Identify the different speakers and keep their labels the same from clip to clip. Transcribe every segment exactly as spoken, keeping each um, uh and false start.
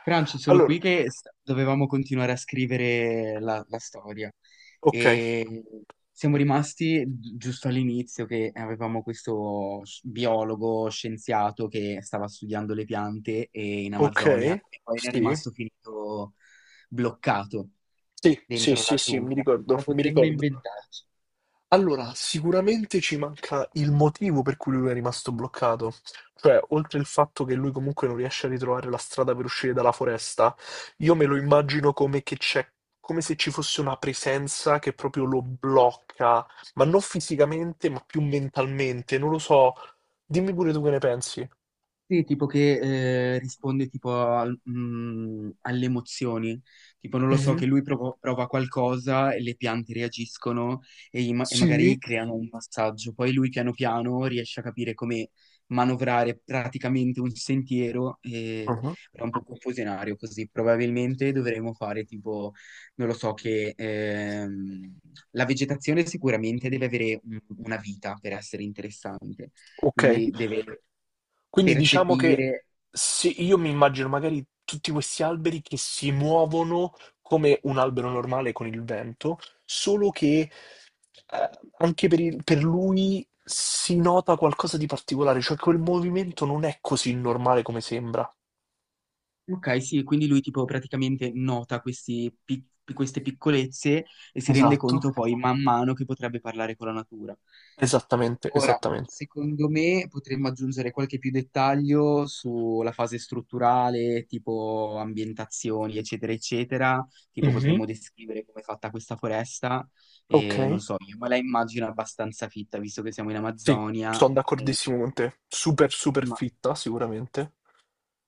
Speaker 1: Franci, sono
Speaker 2: Allora,
Speaker 1: qui che s- dovevamo continuare a scrivere la, la storia
Speaker 2: ok,
Speaker 1: e siamo rimasti gi- giusto all'inizio che avevamo questo sci- biologo scienziato che stava studiando le piante e- in
Speaker 2: ok,
Speaker 1: Amazzonia e poi era
Speaker 2: sì,
Speaker 1: rimasto finito bloccato
Speaker 2: sì, sì,
Speaker 1: dentro la
Speaker 2: sì, sì, mi
Speaker 1: giungla.
Speaker 2: ricordo,
Speaker 1: Cosa
Speaker 2: mi
Speaker 1: potremmo
Speaker 2: ricordo.
Speaker 1: inventarci?
Speaker 2: Allora, sicuramente ci manca il motivo per cui lui è rimasto bloccato, cioè, oltre il fatto che lui comunque non riesce a ritrovare la strada per uscire dalla foresta, io me lo immagino come che c'è, come se ci fosse una presenza che proprio lo blocca, ma non fisicamente, ma più mentalmente, non lo so. Dimmi pure tu che ne pensi.
Speaker 1: Sì, tipo che eh, risponde tipo al- mm, alle emozioni, tipo non lo so,
Speaker 2: Mhm.
Speaker 1: che lui provo- prova qualcosa e le piante reagiscono e, i ma- e
Speaker 2: Sì.
Speaker 1: magari creano un passaggio, poi lui piano piano riesce a capire come manovrare praticamente un sentiero. E...
Speaker 2: Ah,
Speaker 1: Però è un po' confusionario così, probabilmente dovremmo fare tipo, non lo so, che ehm, la vegetazione sicuramente deve avere un- una vita per essere interessante,
Speaker 2: ok.
Speaker 1: quindi deve
Speaker 2: Quindi diciamo che
Speaker 1: percepire.
Speaker 2: sì, io mi immagino magari tutti questi alberi che si muovono come un albero normale con il vento, solo che eh, anche per, il- per lui si nota qualcosa di particolare, cioè quel movimento non è così normale come sembra.
Speaker 1: Ok, sì, quindi lui tipo praticamente nota questi pic- queste piccolezze e si rende
Speaker 2: Esatto.
Speaker 1: conto poi man mano che potrebbe parlare con la natura.
Speaker 2: Esattamente,
Speaker 1: Ora,
Speaker 2: esattamente.
Speaker 1: secondo me potremmo aggiungere qualche più dettaglio sulla fase strutturale, tipo ambientazioni, eccetera, eccetera. Tipo
Speaker 2: Mhm.
Speaker 1: potremmo descrivere come è fatta questa foresta
Speaker 2: Ok,
Speaker 1: e non so, io me la immagino abbastanza fitta, visto che siamo in
Speaker 2: sì,
Speaker 1: Amazzonia.
Speaker 2: sono
Speaker 1: eh,
Speaker 2: d'accordissimo con te. Super, super
Speaker 1: ma
Speaker 2: fitta, sicuramente.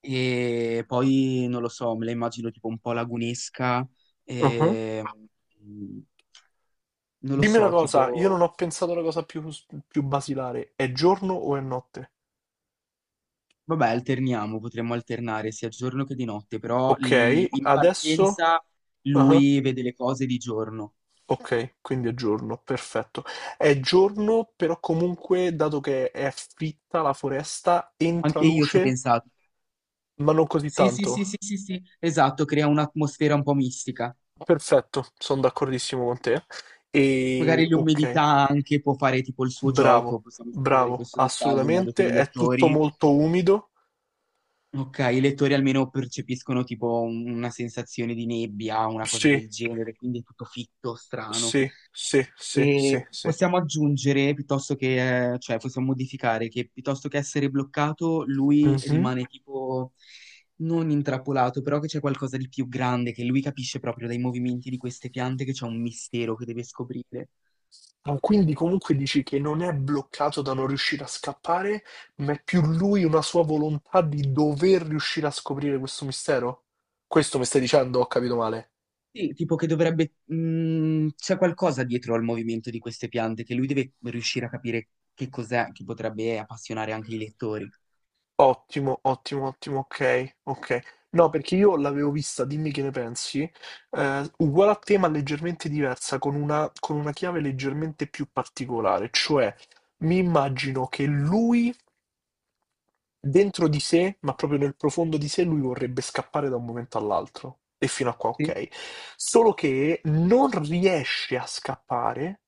Speaker 1: E poi non lo so, me la immagino tipo un po' lagunesca, e, mm, non lo
Speaker 2: Dimmi una
Speaker 1: so,
Speaker 2: cosa, io non
Speaker 1: tipo,
Speaker 2: ho pensato alla cosa più, più basilare, è giorno o è notte?
Speaker 1: vabbè, alterniamo, potremmo alternare sia giorno che di notte, però l-
Speaker 2: Ok,
Speaker 1: in
Speaker 2: adesso...
Speaker 1: partenza
Speaker 2: ah,
Speaker 1: lui vede le cose di giorno.
Speaker 2: ok, quindi è giorno, perfetto. È giorno, però comunque, dato che è fitta la foresta, entra
Speaker 1: Anche io ci ho
Speaker 2: luce,
Speaker 1: pensato.
Speaker 2: ma non così
Speaker 1: Sì, sì, sì, sì,
Speaker 2: tanto.
Speaker 1: sì, sì, esatto, crea un'atmosfera un po' mistica.
Speaker 2: Perfetto, sono d'accordissimo con te.
Speaker 1: Magari
Speaker 2: E ok,
Speaker 1: l'umidità anche può fare tipo il suo gioco,
Speaker 2: bravo,
Speaker 1: possiamo scrivere
Speaker 2: bravo,
Speaker 1: questo dettaglio in modo che
Speaker 2: assolutamente.
Speaker 1: i
Speaker 2: È tutto
Speaker 1: lettori.
Speaker 2: molto umido.
Speaker 1: Ok, i lettori almeno percepiscono tipo un- una sensazione di nebbia, una cosa
Speaker 2: Sì,
Speaker 1: del genere, quindi è tutto fitto, strano.
Speaker 2: sì, sì, sì, sì,
Speaker 1: E
Speaker 2: sì.
Speaker 1: possiamo aggiungere, piuttosto che, eh, cioè possiamo modificare, che piuttosto che essere bloccato, lui
Speaker 2: Mhm.
Speaker 1: rimane tipo non intrappolato, però che c'è qualcosa di più grande, che lui capisce proprio dai movimenti di queste piante che c'è un mistero che deve scoprire.
Speaker 2: Ma quindi comunque dici che non è bloccato da non riuscire a scappare, ma è più lui una sua volontà di dover riuscire a scoprire questo mistero? Questo mi stai dicendo, ho capito male.
Speaker 1: Sì, tipo che dovrebbe... mh, c'è qualcosa dietro al movimento di queste piante che lui deve riuscire a capire che cos'è che potrebbe appassionare anche i lettori.
Speaker 2: Ottimo, ottimo, ottimo, ok, ok. No, perché io l'avevo vista, dimmi che ne pensi, eh, uguale a te ma leggermente diversa, con una, con una chiave leggermente più particolare, cioè mi immagino che lui dentro di sé, ma proprio nel profondo di sé, lui vorrebbe scappare da un momento all'altro. E fino a qua
Speaker 1: Sì.
Speaker 2: ok. Solo che non riesce a scappare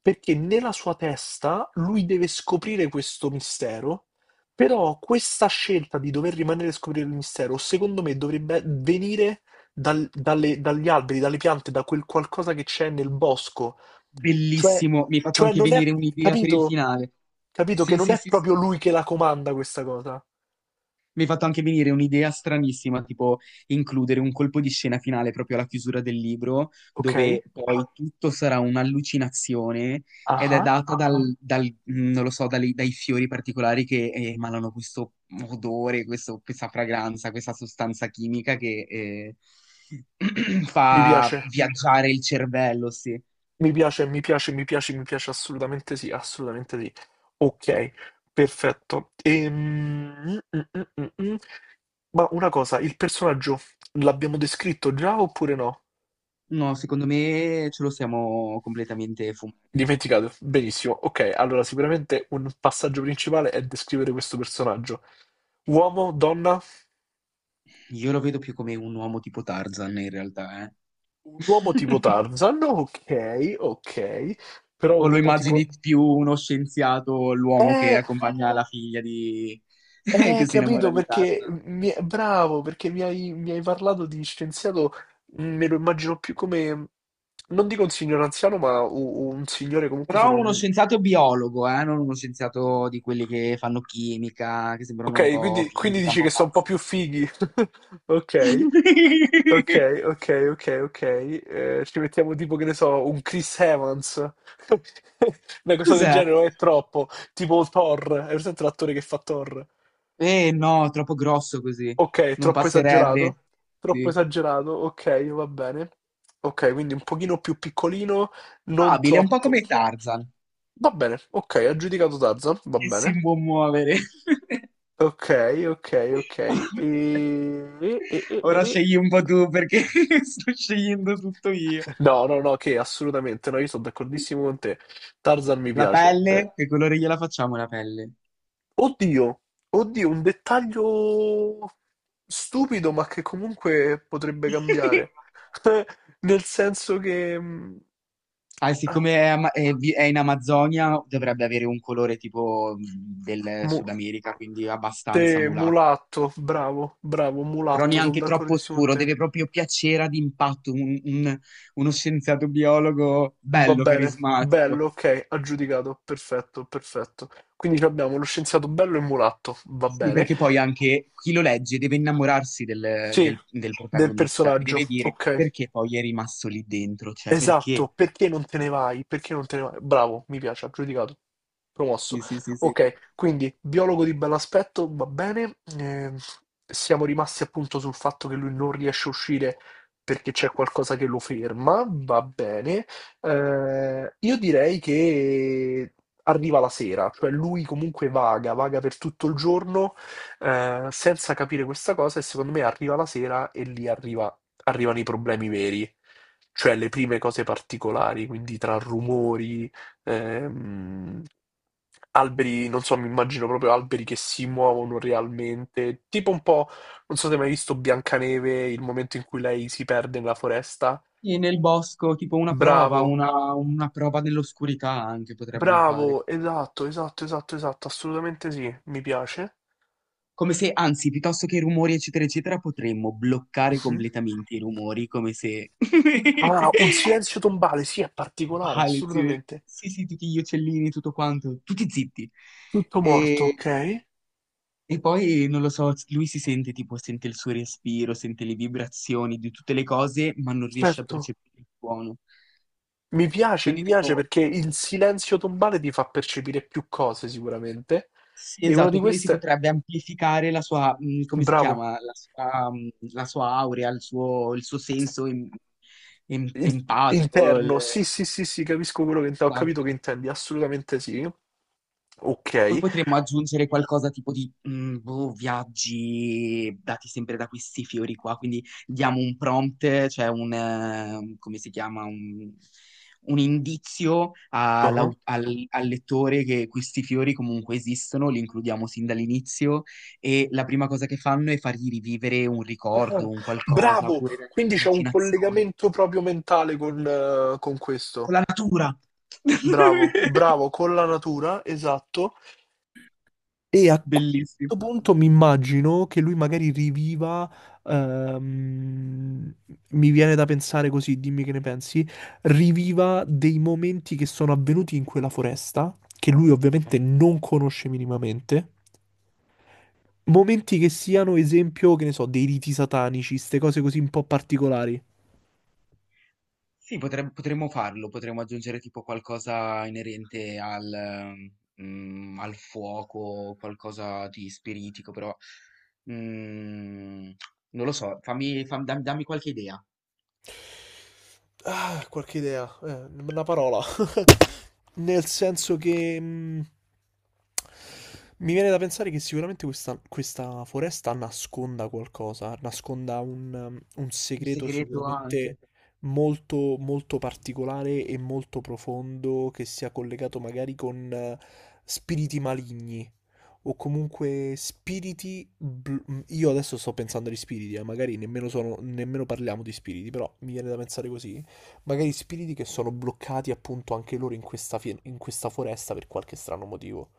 Speaker 2: perché nella sua testa lui deve scoprire questo mistero, però questa scelta di dover rimanere a scoprire il mistero, secondo me, dovrebbe venire dal- dalle- dagli alberi, dalle piante, da quel qualcosa che c'è nel bosco. Cioè,
Speaker 1: Bellissimo, mi hai fatto
Speaker 2: cioè
Speaker 1: anche
Speaker 2: non è,
Speaker 1: venire un'idea per il
Speaker 2: capito?
Speaker 1: finale.
Speaker 2: Capito che
Speaker 1: Sì,
Speaker 2: non
Speaker 1: sì,
Speaker 2: è
Speaker 1: sì, sì,
Speaker 2: proprio
Speaker 1: sì.
Speaker 2: lui che la comanda questa cosa.
Speaker 1: Mi hai fatto anche venire un'idea stranissima, tipo includere un colpo di scena finale proprio alla chiusura del libro,
Speaker 2: Ok,
Speaker 1: dove poi tutto sarà un'allucinazione ed è
Speaker 2: ah,
Speaker 1: data dal, dal- mm, non lo so, dalle- dai fiori particolari che emanano questo odore, questo- questa fragranza, questa sostanza chimica che eh,
Speaker 2: mi
Speaker 1: fa
Speaker 2: piace,
Speaker 1: viaggiare il cervello, sì.
Speaker 2: mi piace, mi piace, mi piace, mi piace assolutamente sì, assolutamente sì. Ok, perfetto. Ehm, mm, mm, mm, mm. mm. Ma una cosa, il personaggio l'abbiamo descritto già oppure no?
Speaker 1: No, secondo me ce lo siamo completamente fumati.
Speaker 2: Dimenticato, benissimo. Ok, allora sicuramente un passaggio principale è descrivere questo personaggio. Uomo, donna,
Speaker 1: Io lo vedo più come un uomo tipo Tarzan in realtà, eh.
Speaker 2: un uomo tipo Tarzan, ok, ok, però
Speaker 1: O
Speaker 2: un
Speaker 1: lo
Speaker 2: uomo tipo...
Speaker 1: immagini più uno scienziato, l'uomo che
Speaker 2: Eh,
Speaker 1: accompagna la figlia di...
Speaker 2: eh,
Speaker 1: che si innamora
Speaker 2: capito,
Speaker 1: di
Speaker 2: perché
Speaker 1: Tarzan?
Speaker 2: mi- bravo, perché mi hai, mi hai parlato di scienziato, mm, me lo immagino più come, non dico un signore anziano, ma u- un signore comunque
Speaker 1: Però
Speaker 2: sulla...
Speaker 1: uno
Speaker 2: un-
Speaker 1: scienziato biologo, eh, non uno scienziato di quelli che fanno chimica, che sembrano un
Speaker 2: Ok,
Speaker 1: po'
Speaker 2: quindi, quindi
Speaker 1: fisica, un
Speaker 2: dici
Speaker 1: po'
Speaker 2: che sono un po'
Speaker 1: pazzi.
Speaker 2: più fighi. Ok, ok, ok, ok, ok. Eh, ci mettiamo tipo, che ne so, un Chris Evans. Una cosa del
Speaker 1: Cos'è?
Speaker 2: genere, non è troppo. Tipo Thor, hai presente l'attore che fa Thor?
Speaker 1: Eh no, troppo grosso così.
Speaker 2: Ok,
Speaker 1: Non
Speaker 2: troppo
Speaker 1: passerebbe.
Speaker 2: esagerato? Troppo
Speaker 1: Sì.
Speaker 2: esagerato, ok, va bene. Ok, quindi un pochino più piccolino, non
Speaker 1: Abile, un po'
Speaker 2: troppo.
Speaker 1: come Tarzan,
Speaker 2: Va bene, ok, aggiudicato Tarzan, va
Speaker 1: che si
Speaker 2: bene.
Speaker 1: può muovere.
Speaker 2: Ok, ok, ok. E... e- e- e-
Speaker 1: Ora
Speaker 2: e-
Speaker 1: scegli un po' tu perché sto scegliendo tutto io.
Speaker 2: No, no, no, che assolutamente, no, io sono d'accordissimo con te. Tarzan mi
Speaker 1: La
Speaker 2: piace. eh,
Speaker 1: pelle? Che colore gliela facciamo la pelle?
Speaker 2: Oddio, oddio, un dettaglio stupido, ma che comunque potrebbe cambiare. Nel senso che... mh,
Speaker 1: Ah,
Speaker 2: ah,
Speaker 1: siccome è, ama- è vi- è in Amazzonia, dovrebbe avere un colore tipo mh, del
Speaker 2: mu-
Speaker 1: Sud America, quindi
Speaker 2: te,
Speaker 1: abbastanza mulatto.
Speaker 2: mulatto, bravo, bravo,
Speaker 1: Però
Speaker 2: mulatto, sono
Speaker 1: neanche troppo
Speaker 2: d'accordissimo con
Speaker 1: scuro,
Speaker 2: te.
Speaker 1: deve proprio piacere ad impatto, un- un- uno scienziato biologo
Speaker 2: Va
Speaker 1: bello,
Speaker 2: bene, bello,
Speaker 1: carismatico.
Speaker 2: ok, aggiudicato, perfetto, perfetto. Quindi ci abbiamo lo scienziato bello e mulatto, va
Speaker 1: Sì,
Speaker 2: bene.
Speaker 1: perché poi anche chi lo legge deve innamorarsi del,
Speaker 2: Sì,
Speaker 1: del- del
Speaker 2: del
Speaker 1: protagonista e
Speaker 2: personaggio,
Speaker 1: deve dire
Speaker 2: ok.
Speaker 1: perché poi è rimasto lì dentro, cioè perché.
Speaker 2: Esatto, perché non te ne vai? Perché non te ne vai? Bravo, mi piace, aggiudicato, promosso.
Speaker 1: Sì, sì, sì, sì.
Speaker 2: Ok, quindi biologo di bell'aspetto, va bene. Eh, siamo rimasti appunto sul fatto che lui non riesce a uscire perché c'è qualcosa che lo ferma, va bene. Eh, io direi che arriva la sera, cioè lui comunque vaga, vaga per tutto il giorno, eh, senza capire questa cosa e secondo me arriva la sera e lì arriva- arrivano i problemi veri, cioè le prime cose particolari, quindi tra rumori, ehm, alberi, non so, mi immagino proprio alberi che si muovono realmente, tipo un po', non so se hai mai visto Biancaneve, il momento in cui lei si perde nella foresta.
Speaker 1: Sì, nel bosco, tipo una prova,
Speaker 2: Bravo,
Speaker 1: una, una prova nell'oscurità anche potremmo fare.
Speaker 2: bravo, esatto, esatto, esatto, esatto, assolutamente sì, mi piace.
Speaker 1: Come se, anzi, piuttosto che i rumori, eccetera, eccetera, potremmo bloccare
Speaker 2: Mhm.
Speaker 1: completamente i rumori, come se...
Speaker 2: Ah, un silenzio tombale, sì, è particolare,
Speaker 1: Male, sì,
Speaker 2: assolutamente.
Speaker 1: sì, sì, tutti gli uccellini, tutto quanto, tutti zitti.
Speaker 2: Tutto morto,
Speaker 1: E,
Speaker 2: ok?
Speaker 1: e poi, non lo so, lui si sente tipo, sente il suo respiro, sente le vibrazioni di tutte le cose, ma non riesce a
Speaker 2: Certo.
Speaker 1: percepire il suono.
Speaker 2: Mi piace, mi
Speaker 1: Quindi
Speaker 2: piace
Speaker 1: tipo
Speaker 2: perché il silenzio tombale ti fa percepire più cose sicuramente.
Speaker 1: sì,
Speaker 2: E una
Speaker 1: esatto,
Speaker 2: di
Speaker 1: quindi si
Speaker 2: queste,
Speaker 1: potrebbe amplificare la sua, mh, come si
Speaker 2: bravo,
Speaker 1: chiama, la sua, mh, la sua aurea, il suo, il suo senso em- em-
Speaker 2: Il-
Speaker 1: empatico. Il-
Speaker 2: interno. Sì, sì, sì, sì, capisco quello che intendi. Ho capito
Speaker 1: esatto.
Speaker 2: che intendi, assolutamente sì.
Speaker 1: Poi
Speaker 2: Ok.
Speaker 1: potremmo aggiungere qualcosa tipo di mm, boh, viaggi dati sempre da questi fiori qua, quindi diamo un prompt, cioè un, eh, come si chiama, un, un indizio
Speaker 2: Ah.
Speaker 1: all'au- al, al lettore che questi fiori comunque esistono, li includiamo sin dall'inizio e la prima cosa che fanno è fargli rivivere un ricordo,
Speaker 2: Ah,
Speaker 1: un qualcosa,
Speaker 2: bravo,
Speaker 1: oppure delle
Speaker 2: quindi c'è un
Speaker 1: allucinazioni.
Speaker 2: collegamento proprio mentale con, eh, con questo.
Speaker 1: Con la natura!
Speaker 2: Bravo, bravo, con la natura, esatto. E a
Speaker 1: Bellissimo.
Speaker 2: questo punto mi immagino che lui magari riviva, ehm, mi viene da pensare così, dimmi che ne pensi, riviva dei momenti che sono avvenuti in quella foresta, che lui ovviamente non conosce minimamente, momenti che siano esempio, che ne so, dei riti satanici, queste cose così un po' particolari.
Speaker 1: Sì, potrem- potremmo farlo, potremmo aggiungere tipo qualcosa inerente al, mm, al fuoco, qualcosa di spiritico, però mm, non lo so, fammi, fam- dam- dammi qualche idea.
Speaker 2: Ah, qualche idea, eh, una parola. Nel senso che mh, mi viene da pensare che sicuramente questa, questa foresta nasconda qualcosa, nasconda un, um, un
Speaker 1: Un
Speaker 2: segreto
Speaker 1: segreto
Speaker 2: sicuramente
Speaker 1: anche.
Speaker 2: molto, molto particolare e molto profondo che sia collegato magari con eh, spiriti maligni o comunque spiriti. Bl- mm, io adesso sto pensando agli spiriti, eh, magari nemmeno, sono, nemmeno parliamo di spiriti, però mi viene da pensare così. Magari spiriti che sono bloccati appunto anche loro in questa, fie- in questa foresta per qualche strano motivo.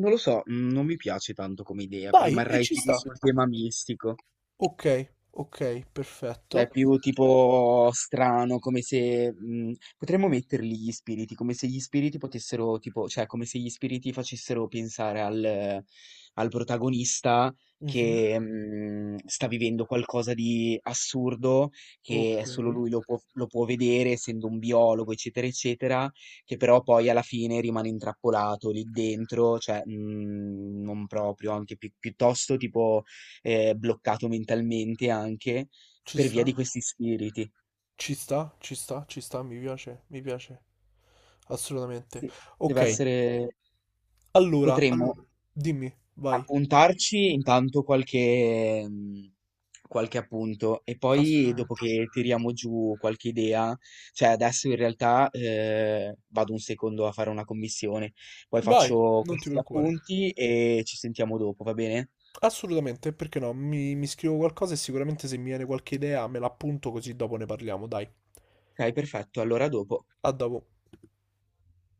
Speaker 1: Non lo so, mm, non mi piace tanto come idea,
Speaker 2: Vai, e
Speaker 1: rimarrei
Speaker 2: ci
Speaker 1: tipo
Speaker 2: sta.
Speaker 1: sul tema mistico.
Speaker 2: Ok, ok, perfetto.
Speaker 1: Cioè, più tipo strano, come se mh, potremmo metterli gli spiriti, come se gli spiriti potessero, tipo, cioè, come se gli spiriti facessero pensare al, al protagonista
Speaker 2: Mhm,
Speaker 1: che mh, sta vivendo qualcosa di assurdo, che
Speaker 2: ok,
Speaker 1: solo lui lo può, lo può vedere, essendo un biologo, eccetera, eccetera, che però poi alla fine rimane intrappolato lì dentro, cioè, mh, non proprio, anche pi- piuttosto tipo eh, bloccato mentalmente anche
Speaker 2: ci
Speaker 1: per via
Speaker 2: sta,
Speaker 1: di questi spiriti.
Speaker 2: ci sta, ci sta, ci sta, mi piace, mi piace. Assolutamente.
Speaker 1: Sì. Deve
Speaker 2: Ok,
Speaker 1: essere
Speaker 2: allora,
Speaker 1: potremmo
Speaker 2: allora, dimmi, vai.
Speaker 1: appuntarci intanto qualche mhmm, qualche appunto e poi dopo
Speaker 2: Assolutamente.
Speaker 1: che tiriamo giù qualche idea, cioè adesso in realtà, ehm, vado un secondo a fare una commissione, poi
Speaker 2: Vai,
Speaker 1: faccio
Speaker 2: non ti
Speaker 1: questi
Speaker 2: preoccupare.
Speaker 1: appunti e ci sentiamo dopo, va bene?
Speaker 2: Assolutamente, perché no? Mi, mi scrivo qualcosa e sicuramente se mi viene qualche idea me l'appunto così dopo ne parliamo, dai.
Speaker 1: Okay, perfetto, allora a dopo.
Speaker 2: A dopo.